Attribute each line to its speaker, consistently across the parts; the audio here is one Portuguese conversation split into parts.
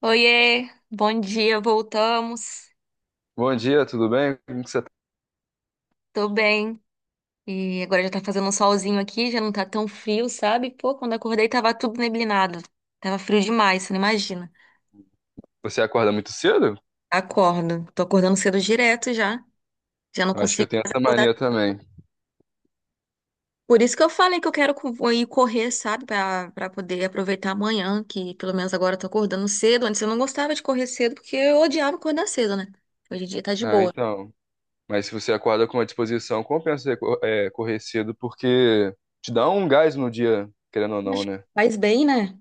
Speaker 1: Oiê, bom dia, voltamos.
Speaker 2: Bom dia, tudo bem? Como que você tá?
Speaker 1: Tô bem. E agora já tá fazendo um solzinho aqui, já não tá tão frio, sabe? Pô, quando acordei tava tudo neblinado. Tava frio demais, você não imagina.
Speaker 2: Você acorda muito cedo?
Speaker 1: Acordo. Tô acordando cedo direto já. Já não
Speaker 2: Eu acho que eu
Speaker 1: consigo
Speaker 2: tenho
Speaker 1: mais
Speaker 2: essa
Speaker 1: acordar.
Speaker 2: mania também.
Speaker 1: Por isso que eu falei que eu quero ir correr, sabe? Pra poder aproveitar amanhã, que pelo menos agora eu tô acordando cedo. Antes eu não gostava de correr cedo, porque eu odiava acordar cedo, né? Hoje em dia tá de
Speaker 2: Ah,
Speaker 1: boa.
Speaker 2: então. Mas se você acorda com uma disposição, compensa você correr cedo, porque te dá um gás no dia, querendo ou não,
Speaker 1: Acho que
Speaker 2: né?
Speaker 1: faz bem, né?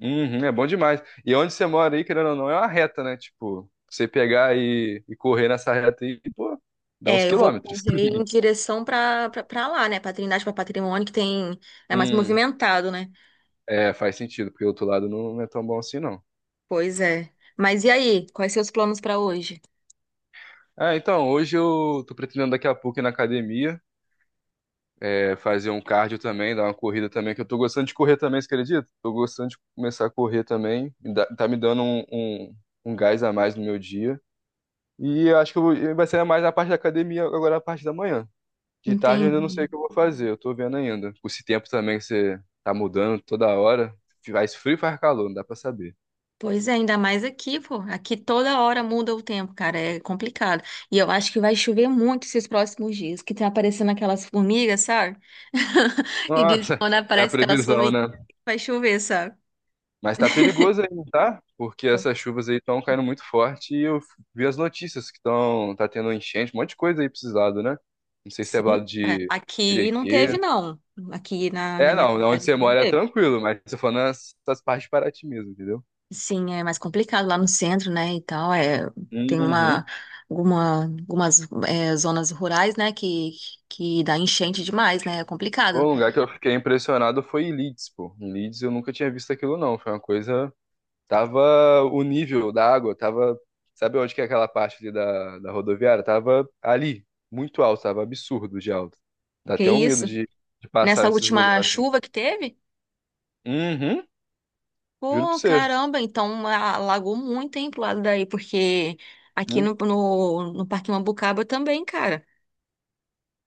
Speaker 2: Uhum, é bom demais. E onde você mora aí, querendo ou não, é uma reta, né? Tipo, você pegar e correr nessa reta aí, pô, dá uns
Speaker 1: É, eu vou
Speaker 2: quilômetros.
Speaker 1: correr em direção pra lá, né? Pra Trindade, pra Patrimônio, que tem, é mais
Speaker 2: Hum,
Speaker 1: movimentado, né?
Speaker 2: é, faz sentido, porque o outro lado não é tão bom assim, não.
Speaker 1: Pois é. Mas e aí? Quais seus planos pra hoje?
Speaker 2: Ah, então, hoje eu tô pretendendo daqui a pouco ir na academia. É, fazer um cardio também, dar uma corrida também, que eu tô gostando de correr também, você acredita? Tô gostando de começar a correr também, tá me dando um gás a mais no meu dia. E eu acho que vai ser mais a parte da academia agora, a parte da manhã. De tarde eu ainda não sei o
Speaker 1: Entendi.
Speaker 2: que eu vou fazer, eu tô vendo ainda. Com esse tempo também que você tá mudando toda hora, faz frio e faz calor, não dá pra saber.
Speaker 1: Pois é, ainda mais aqui, pô. Aqui toda hora muda o tempo, cara. É complicado. E eu acho que vai chover muito esses próximos dias, que tá aparecendo aquelas formigas, sabe? E dizem que
Speaker 2: Nossa,
Speaker 1: quando
Speaker 2: é a
Speaker 1: aparece aquelas
Speaker 2: previsão,
Speaker 1: formigas,
Speaker 2: né?
Speaker 1: vai chover, sabe?
Speaker 2: Mas tá perigoso ainda, tá? Porque essas chuvas aí estão caindo muito forte e eu vi as notícias que estão tendo enchente, um monte de coisa aí precisado, né? Não sei se é do lado
Speaker 1: Sim, cara.
Speaker 2: de
Speaker 1: Aqui não teve,
Speaker 2: Perequê.
Speaker 1: não. Aqui na
Speaker 2: É,
Speaker 1: minha
Speaker 2: não, onde
Speaker 1: cidade
Speaker 2: você
Speaker 1: não
Speaker 2: mora é
Speaker 1: teve.
Speaker 2: tranquilo, mas eu tô falando nessas partes de Paraty mesmo, entendeu?
Speaker 1: Sim, é mais complicado lá no centro, né, e tal, tem
Speaker 2: Uhum.
Speaker 1: algumas zonas rurais, né, que dá enchente demais, né, é
Speaker 2: O
Speaker 1: complicado.
Speaker 2: lugar que eu fiquei impressionado foi em Leeds, pô. Em Leeds eu nunca tinha visto aquilo não, foi uma coisa. Tava o nível da água, tava. Sabe onde que é aquela parte ali da rodoviária? Tava ali, muito alto, tava absurdo de alto. Dá
Speaker 1: Que
Speaker 2: até um medo
Speaker 1: isso?
Speaker 2: de passar
Speaker 1: Nessa
Speaker 2: nesses
Speaker 1: última
Speaker 2: lugares assim.
Speaker 1: chuva que teve?
Speaker 2: Uhum, juro pra
Speaker 1: Pô,
Speaker 2: você.
Speaker 1: caramba, então alagou muito, hein, pro lado daí, porque aqui
Speaker 2: Hum.
Speaker 1: no Parque Mambucaba também, cara.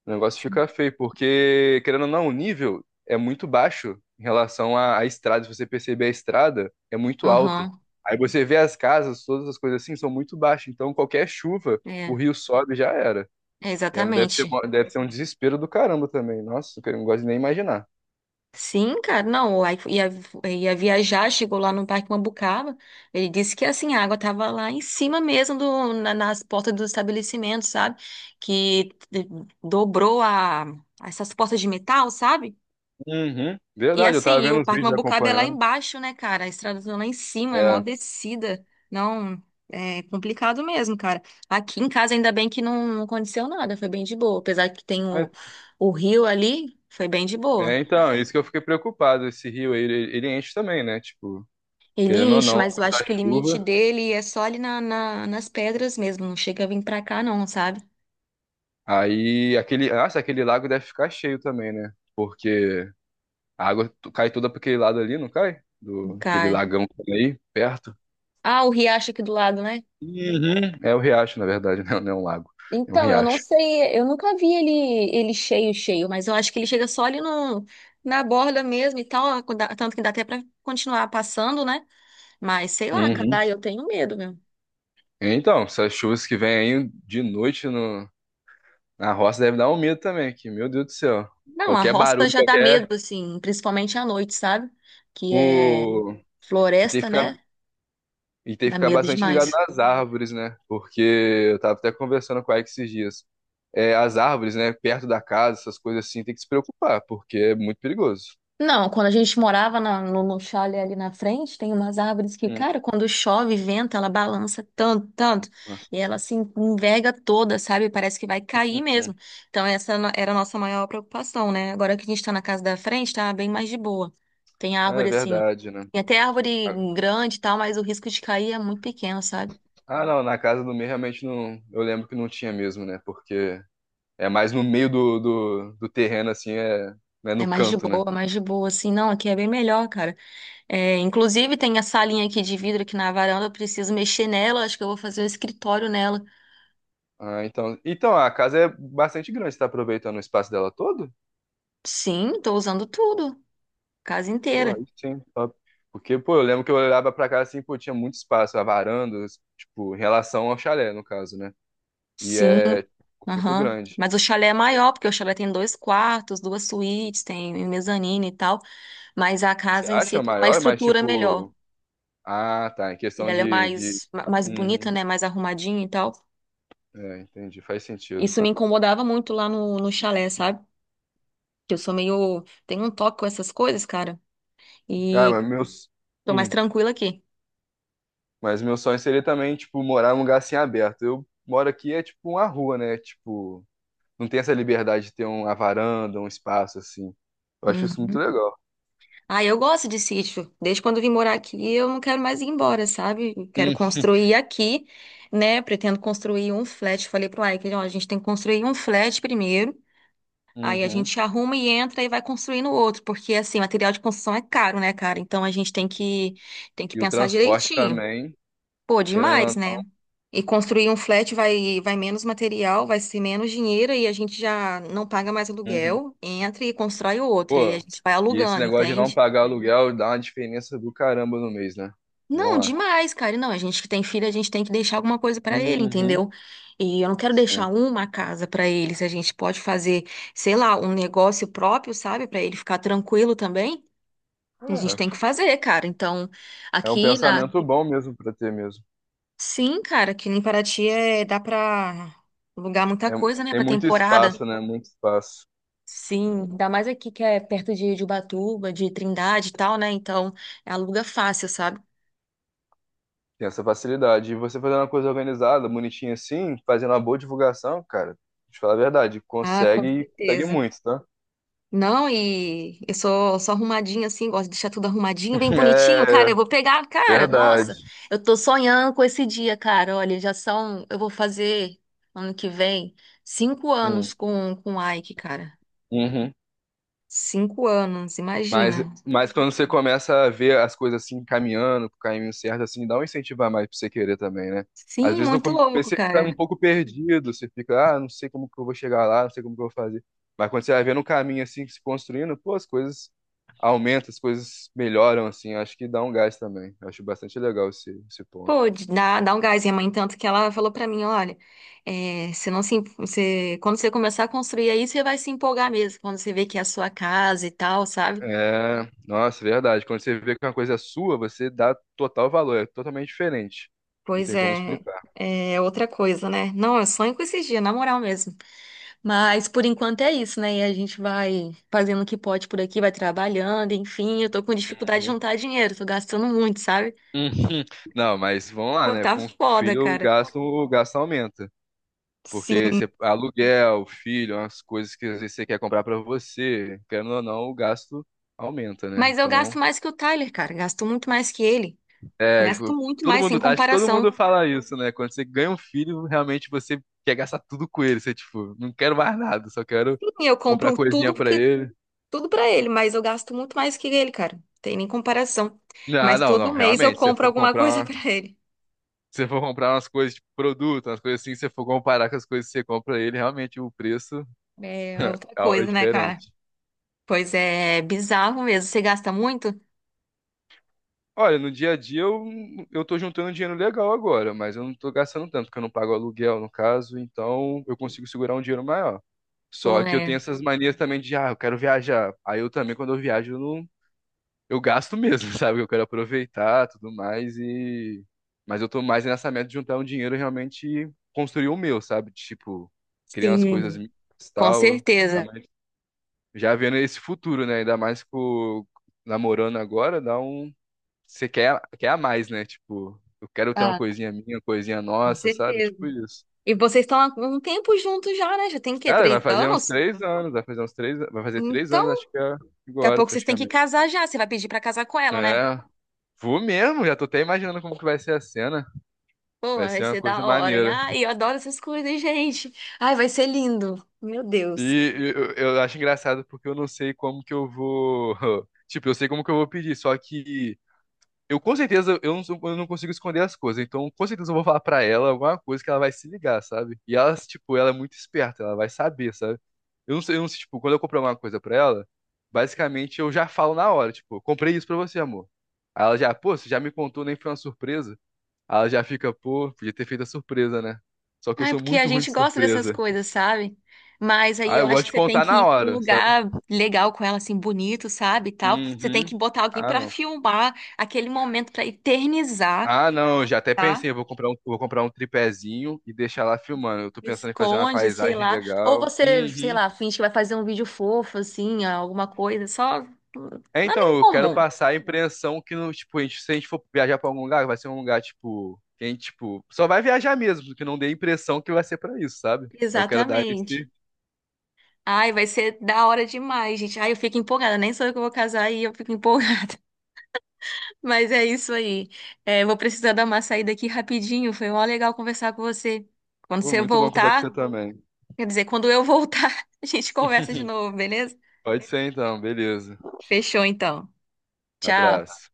Speaker 2: O negócio fica feio, porque, querendo ou não, o nível é muito baixo em relação à estrada. Se você perceber, a estrada é muito alta.
Speaker 1: Aham,
Speaker 2: Aí você vê as casas, todas as coisas assim, são muito baixas. Então, qualquer chuva, o
Speaker 1: é,
Speaker 2: rio sobe e já era.
Speaker 1: é, exatamente.
Speaker 2: Deve ser um desespero do caramba também. Nossa, que eu não gosto de nem imaginar.
Speaker 1: Sim, cara, não, o Ike ia viajar, chegou lá no Parque Mambucaba, ele disse que, assim, a água tava lá em cima mesmo, nas portas do estabelecimento, sabe? Que dobrou essas portas de metal, sabe?
Speaker 2: Uhum.
Speaker 1: E,
Speaker 2: Verdade, eu tava
Speaker 1: assim, o
Speaker 2: vendo os
Speaker 1: Parque
Speaker 2: vídeos
Speaker 1: Mambucaba é lá
Speaker 2: acompanhando.
Speaker 1: embaixo, né, cara? A estrada tá lá em cima, é mó
Speaker 2: É.
Speaker 1: descida, não, é complicado mesmo, cara. Aqui em casa, ainda bem que não, não aconteceu nada, foi bem de boa, apesar que tem
Speaker 2: Mas-
Speaker 1: o rio ali, foi bem de boa.
Speaker 2: é, então, é isso que eu fiquei preocupado. Esse rio, aí, ele enche também, né? Tipo,
Speaker 1: Ele
Speaker 2: querendo ou
Speaker 1: enche,
Speaker 2: não, com
Speaker 1: mas eu acho que o limite
Speaker 2: chuva.
Speaker 1: dele é só ali nas pedras mesmo. Não chega a vir pra cá, não, sabe?
Speaker 2: Aí, aquele, nossa, aquele lago deve ficar cheio também, né? Porque a cai toda pra aquele lado ali, não cai?
Speaker 1: Não
Speaker 2: Do, aquele
Speaker 1: cai.
Speaker 2: lagão que tem aí, perto.
Speaker 1: Ah, o riacho aqui do lado, né?
Speaker 2: Uhum. É o riacho, na verdade, né? Não é um lago, é um
Speaker 1: Então, eu não
Speaker 2: riacho.
Speaker 1: sei, eu nunca vi ele cheio, cheio, mas eu acho que ele chega só ali no, na borda mesmo e tal. Tanto que dá até pra continuar passando, né? Mas sei lá, cara,
Speaker 2: Uhum.
Speaker 1: eu tenho medo, meu.
Speaker 2: Então, essas chuvas que vêm aí de noite no, na roça deve dar um medo também, que, meu Deus do céu.
Speaker 1: Não, a
Speaker 2: Qualquer
Speaker 1: roça
Speaker 2: barulho,
Speaker 1: já dá
Speaker 2: qualquer.
Speaker 1: medo, assim, principalmente à noite, sabe? Que é
Speaker 2: O... E tem que
Speaker 1: floresta,
Speaker 2: ficar,
Speaker 1: né?
Speaker 2: e tem que
Speaker 1: Dá
Speaker 2: ficar
Speaker 1: medo
Speaker 2: bastante ligado
Speaker 1: demais.
Speaker 2: nas árvores, né? Porque eu tava até conversando com a Ike esses dias. É, as árvores, né? Perto da casa, essas coisas assim, tem que se preocupar, porque é muito perigoso.
Speaker 1: Não, quando a gente morava no chalé ali na frente, tem umas árvores que,
Speaker 2: Hum,
Speaker 1: cara, quando chove, venta, ela balança tanto, tanto, e ela
Speaker 2: nossa.
Speaker 1: se enverga toda, sabe? Parece que vai
Speaker 2: Hum,
Speaker 1: cair
Speaker 2: hum.
Speaker 1: mesmo. Então, essa era a nossa maior preocupação, né? Agora que a gente tá na casa da frente, tá bem mais de boa. Tem
Speaker 2: Ah,
Speaker 1: árvore
Speaker 2: é
Speaker 1: assim,
Speaker 2: verdade, né?
Speaker 1: tem até árvore grande e tal, mas o risco de cair é muito pequeno, sabe?
Speaker 2: Ah, não, na casa do meio realmente não. Eu lembro que não tinha mesmo, né? Porque é mais no meio do terreno, assim, é, né,
Speaker 1: É
Speaker 2: no canto, né?
Speaker 1: mais de boa, assim. Não, aqui é bem melhor, cara. É, inclusive, tem a salinha aqui de vidro aqui na varanda, eu preciso mexer nela, acho que eu vou fazer o escritório nela.
Speaker 2: Ah, então, então a casa é bastante grande, você tá aproveitando o espaço dela todo?
Speaker 1: Sim, tô usando tudo, casa
Speaker 2: Pô,
Speaker 1: inteira.
Speaker 2: aí sim, top. Porque, pô, eu lembro que eu olhava pra casa assim, pô, tinha muito espaço, a varanda, tipo, em relação ao chalé, no caso, né? E
Speaker 1: Sim,
Speaker 2: é muito
Speaker 1: aham.
Speaker 2: grande.
Speaker 1: Mas o chalé é maior, porque o chalé tem dois quartos, duas suítes, tem mezanino e tal. Mas a
Speaker 2: Você
Speaker 1: casa em si
Speaker 2: acha
Speaker 1: tem uma
Speaker 2: maior, mas
Speaker 1: estrutura melhor.
Speaker 2: tipo, ah, tá, em
Speaker 1: E
Speaker 2: questão
Speaker 1: ela é
Speaker 2: de...
Speaker 1: mais, mais bonita,
Speaker 2: Uhum.
Speaker 1: né? Mais arrumadinha e tal.
Speaker 2: É, entendi, faz sentido.
Speaker 1: Isso me incomodava muito lá no chalé, sabe? Que eu sou meio. Tenho um toque com essas coisas, cara.
Speaker 2: Ah,
Speaker 1: E
Speaker 2: mas meus...
Speaker 1: tô mais
Speaker 2: Hum.
Speaker 1: tranquila aqui.
Speaker 2: Mas meu sonho seria também, tipo, morar num lugar assim aberto. Eu moro aqui, é tipo uma rua, né? Tipo, não tem essa liberdade de ter uma varanda, um espaço assim. Eu acho isso muito
Speaker 1: Uhum.
Speaker 2: legal.
Speaker 1: Ah, eu gosto de sítio. Desde quando eu vim morar aqui, eu não quero mais ir embora, sabe? Eu quero
Speaker 2: Hum.
Speaker 1: construir aqui, né? Pretendo construir um flat. Falei pro Ike, ó, a gente tem que construir um flat primeiro. Aí a
Speaker 2: Uhum.
Speaker 1: gente arruma e entra e vai construindo outro, porque assim, material de construção é caro, né, cara? Então a gente tem que
Speaker 2: E o
Speaker 1: pensar
Speaker 2: transporte
Speaker 1: direitinho.
Speaker 2: também,
Speaker 1: Pô,
Speaker 2: querendo ou
Speaker 1: demais,
Speaker 2: não.
Speaker 1: né? E construir um flat vai menos material, vai ser menos dinheiro e a gente já não paga mais
Speaker 2: Uhum.
Speaker 1: aluguel, entra e constrói outro e a
Speaker 2: Pô,
Speaker 1: gente vai
Speaker 2: e esse
Speaker 1: alugando,
Speaker 2: negócio de não
Speaker 1: entende?
Speaker 2: pagar aluguel dá uma diferença do caramba no mês, né? Vamos
Speaker 1: Não,
Speaker 2: lá.
Speaker 1: demais, cara. E não, a gente que tem filho, a gente tem que deixar alguma coisa pra ele,
Speaker 2: Uhum.
Speaker 1: entendeu? E eu não quero deixar
Speaker 2: Sim.
Speaker 1: uma casa pra ele, se a gente pode fazer, sei lá, um negócio próprio, sabe, pra ele ficar tranquilo também. A gente
Speaker 2: É,
Speaker 1: tem que fazer, cara. Então,
Speaker 2: é um
Speaker 1: aqui na
Speaker 2: pensamento bom mesmo pra ter mesmo.
Speaker 1: Sim, cara, aqui em Paraty é... dá pra alugar muita
Speaker 2: É-
Speaker 1: coisa, né,
Speaker 2: tem
Speaker 1: pra
Speaker 2: muito
Speaker 1: temporada.
Speaker 2: espaço, né? Muito espaço.
Speaker 1: Sim, ainda mais aqui que é perto de Ubatuba, de Trindade e tal, né? Então, aluga fácil, sabe?
Speaker 2: Tem essa facilidade. E você fazendo uma coisa organizada, bonitinha assim, fazendo uma boa divulgação, cara, te falar a verdade,
Speaker 1: Ah, com
Speaker 2: consegue e consegue
Speaker 1: certeza.
Speaker 2: muito, tá?
Speaker 1: Não, e eu sou arrumadinha assim, gosto de deixar tudo arrumadinho, bem bonitinho. Cara, eu
Speaker 2: É,
Speaker 1: vou pegar, cara,
Speaker 2: verdade.
Speaker 1: nossa, eu tô sonhando com esse dia, cara. Olha, eu vou fazer ano que vem 5 anos
Speaker 2: Hum,
Speaker 1: com o Ike, cara.
Speaker 2: uhum.
Speaker 1: 5 anos,
Speaker 2: Mas,
Speaker 1: imagina.
Speaker 2: mas quando você começa a ver as coisas assim caminhando, pro caminho certo, assim, dá um incentivo a mais pra você querer também, né? Às
Speaker 1: Sim,
Speaker 2: vezes no
Speaker 1: muito
Speaker 2: começo
Speaker 1: louco,
Speaker 2: você fica um
Speaker 1: cara.
Speaker 2: pouco perdido, você fica, ah, não sei como que eu vou chegar lá, não sei como que eu vou fazer. Mas quando você vai vendo um caminho assim se construindo, pô, as coisas aumentam, as coisas melhoram, assim, acho que dá um gás também. Eu acho bastante legal esse ponto.
Speaker 1: Pô, dá um gás. Minha mãe, tanto que ela falou pra mim, olha, você não se, em- você, quando você começar a construir aí, você vai se empolgar mesmo, quando você vê que é a sua casa e tal, sabe?
Speaker 2: É, nossa, verdade. Quando você vê que uma coisa é sua, você dá total valor, é totalmente diferente. Não
Speaker 1: Pois
Speaker 2: tem como
Speaker 1: é.
Speaker 2: explicar.
Speaker 1: É outra coisa, né? Não, eu sonho com esses dias, na moral mesmo. Mas por enquanto é isso, né? E a gente vai fazendo o que pode por aqui, vai trabalhando, enfim. Eu tô com dificuldade de
Speaker 2: Uhum.
Speaker 1: juntar dinheiro, tô gastando muito, sabe?
Speaker 2: Uhum. Não, mas vamos lá,
Speaker 1: Pô,
Speaker 2: né?
Speaker 1: tá
Speaker 2: Com o
Speaker 1: foda,
Speaker 2: filho,
Speaker 1: cara.
Speaker 2: o gasto aumenta. Porque
Speaker 1: Sim.
Speaker 2: você, aluguel, filho, as coisas que às vezes você quer comprar pra você, querendo ou não, o gasto aumenta, né?
Speaker 1: Mas eu gasto
Speaker 2: Então,
Speaker 1: mais que o Tyler, cara. Gasto muito mais que ele.
Speaker 2: é,
Speaker 1: Gasto muito
Speaker 2: todo
Speaker 1: mais, sem
Speaker 2: mundo, acho que todo mundo
Speaker 1: comparação.
Speaker 2: fala isso, né? Quando você ganha um filho, realmente você quer gastar tudo com ele. Você, tipo, não quero mais nada, só quero
Speaker 1: Sim, eu
Speaker 2: comprar
Speaker 1: compro tudo
Speaker 2: coisinha pra
Speaker 1: porque
Speaker 2: ele.
Speaker 1: tudo pra ele, mas eu gasto muito mais que ele, cara. Tem nem comparação.
Speaker 2: Ah,
Speaker 1: Mas
Speaker 2: não,
Speaker 1: todo
Speaker 2: não,
Speaker 1: mês eu
Speaker 2: realmente, se você
Speaker 1: compro
Speaker 2: for
Speaker 1: alguma
Speaker 2: comprar,
Speaker 1: coisa pra
Speaker 2: uma-
Speaker 1: ele.
Speaker 2: se você for comprar umas coisas, tipo, produto, umas coisas assim, se você for comparar com as coisas que você compra ele, realmente o preço
Speaker 1: É outra
Speaker 2: é
Speaker 1: coisa, né, cara?
Speaker 2: diferente.
Speaker 1: Pois é, bizarro mesmo. Você gasta muito?
Speaker 2: Olha, no dia a dia eu tô juntando dinheiro legal agora, mas eu não tô gastando tanto, porque eu não pago aluguel, no caso, então eu consigo segurar um dinheiro maior.
Speaker 1: Pô,
Speaker 2: Só que eu tenho
Speaker 1: né?
Speaker 2: essas manias também de, ah, eu quero viajar. Aí eu também, quando eu viajo, eu não, eu gasto mesmo, sabe? Eu quero aproveitar, tudo mais e mas eu tô mais nessa meta de juntar um dinheiro e realmente construir o meu, sabe? Tipo, criar umas coisas
Speaker 1: Sim,
Speaker 2: minhas e
Speaker 1: com
Speaker 2: tal,
Speaker 1: certeza.
Speaker 2: realmente já vendo esse futuro, né? Ainda mais com namorando agora, dá um você quer a mais, né? Tipo, eu quero ter uma
Speaker 1: Ah,
Speaker 2: coisinha minha, uma coisinha
Speaker 1: com
Speaker 2: nossa, sabe?
Speaker 1: certeza.
Speaker 2: Tipo isso.
Speaker 1: E vocês estão há um tempo juntos já, né? Já tem o quê?
Speaker 2: Cara, vai
Speaker 1: Três
Speaker 2: fazer uns
Speaker 1: anos?
Speaker 2: três anos, vai fazer uns três, vai fazer três
Speaker 1: Então,
Speaker 2: anos, acho que é
Speaker 1: daqui a
Speaker 2: agora,
Speaker 1: pouco vocês têm que
Speaker 2: praticamente.
Speaker 1: casar já. Você vai pedir pra casar com ela, né?
Speaker 2: É, vou mesmo, já tô até imaginando como que vai ser a cena.
Speaker 1: Pô,
Speaker 2: Vai
Speaker 1: vai
Speaker 2: ser uma
Speaker 1: ser
Speaker 2: coisa
Speaker 1: da hora, hein?
Speaker 2: maneira.
Speaker 1: Ai, eu adoro essas coisas, gente. Ai, vai ser lindo. Meu Deus.
Speaker 2: E eu acho engraçado porque eu não sei como que eu vou. Tipo, eu sei como que eu vou pedir, só que eu com certeza eu não consigo esconder as coisas. Então, com certeza eu vou falar pra ela alguma coisa que ela vai se ligar, sabe? E ela, tipo, ela é muito esperta, ela vai saber, sabe? Eu não sei, tipo, quando eu comprar alguma coisa pra ela, basicamente eu já falo na hora, tipo, comprei isso pra você, amor. Aí ela já, pô, você já me contou, nem foi uma surpresa. Aí ela já fica, pô, podia ter feito a surpresa, né? Só que eu
Speaker 1: Ah, é
Speaker 2: sou
Speaker 1: porque a
Speaker 2: muito ruim
Speaker 1: gente
Speaker 2: de
Speaker 1: gosta dessas
Speaker 2: surpresa.
Speaker 1: coisas, sabe? Mas aí
Speaker 2: Ah,
Speaker 1: eu
Speaker 2: eu
Speaker 1: acho
Speaker 2: gosto
Speaker 1: que
Speaker 2: de
Speaker 1: você tem
Speaker 2: contar
Speaker 1: que
Speaker 2: na
Speaker 1: ir para um
Speaker 2: hora, sabe?
Speaker 1: lugar legal com ela, assim, bonito, sabe? E tal. Você tem
Speaker 2: Uhum.
Speaker 1: que botar alguém
Speaker 2: Ah,
Speaker 1: para
Speaker 2: não.
Speaker 1: filmar aquele momento para eternizar,
Speaker 2: Ah, não, eu já até
Speaker 1: tá?
Speaker 2: pensei, eu vou comprar um tripézinho e deixar lá filmando. Eu tô pensando em fazer uma
Speaker 1: Esconde, sei
Speaker 2: paisagem
Speaker 1: lá. Ou
Speaker 2: legal.
Speaker 1: você, sei
Speaker 2: Uhum.
Speaker 1: lá, finge que vai fazer um vídeo fofo, assim, alguma coisa, só
Speaker 2: É,
Speaker 1: nada
Speaker 2: então,
Speaker 1: em
Speaker 2: eu quero
Speaker 1: comum.
Speaker 2: passar a impressão que, no, tipo, a se a gente for viajar pra algum lugar, vai ser um lugar, tipo, que a gente, tipo, só vai viajar mesmo, que não dê a impressão que vai ser pra isso, sabe? Eu quero dar
Speaker 1: Exatamente.
Speaker 2: esse...
Speaker 1: Ai, vai ser da hora demais, gente. Ai, eu fico empolgada. Nem sou eu que vou casar e eu fico empolgada. Mas é isso aí. É, vou precisar dar uma saída aqui rapidinho. Foi mó legal conversar com você. Quando
Speaker 2: Pô,
Speaker 1: você
Speaker 2: muito bom conversar com você
Speaker 1: voltar,
Speaker 2: também.
Speaker 1: quer dizer, quando eu voltar, a gente conversa de novo, beleza?
Speaker 2: Pode ser, então, beleza.
Speaker 1: Fechou então. Tchau.
Speaker 2: Abraço.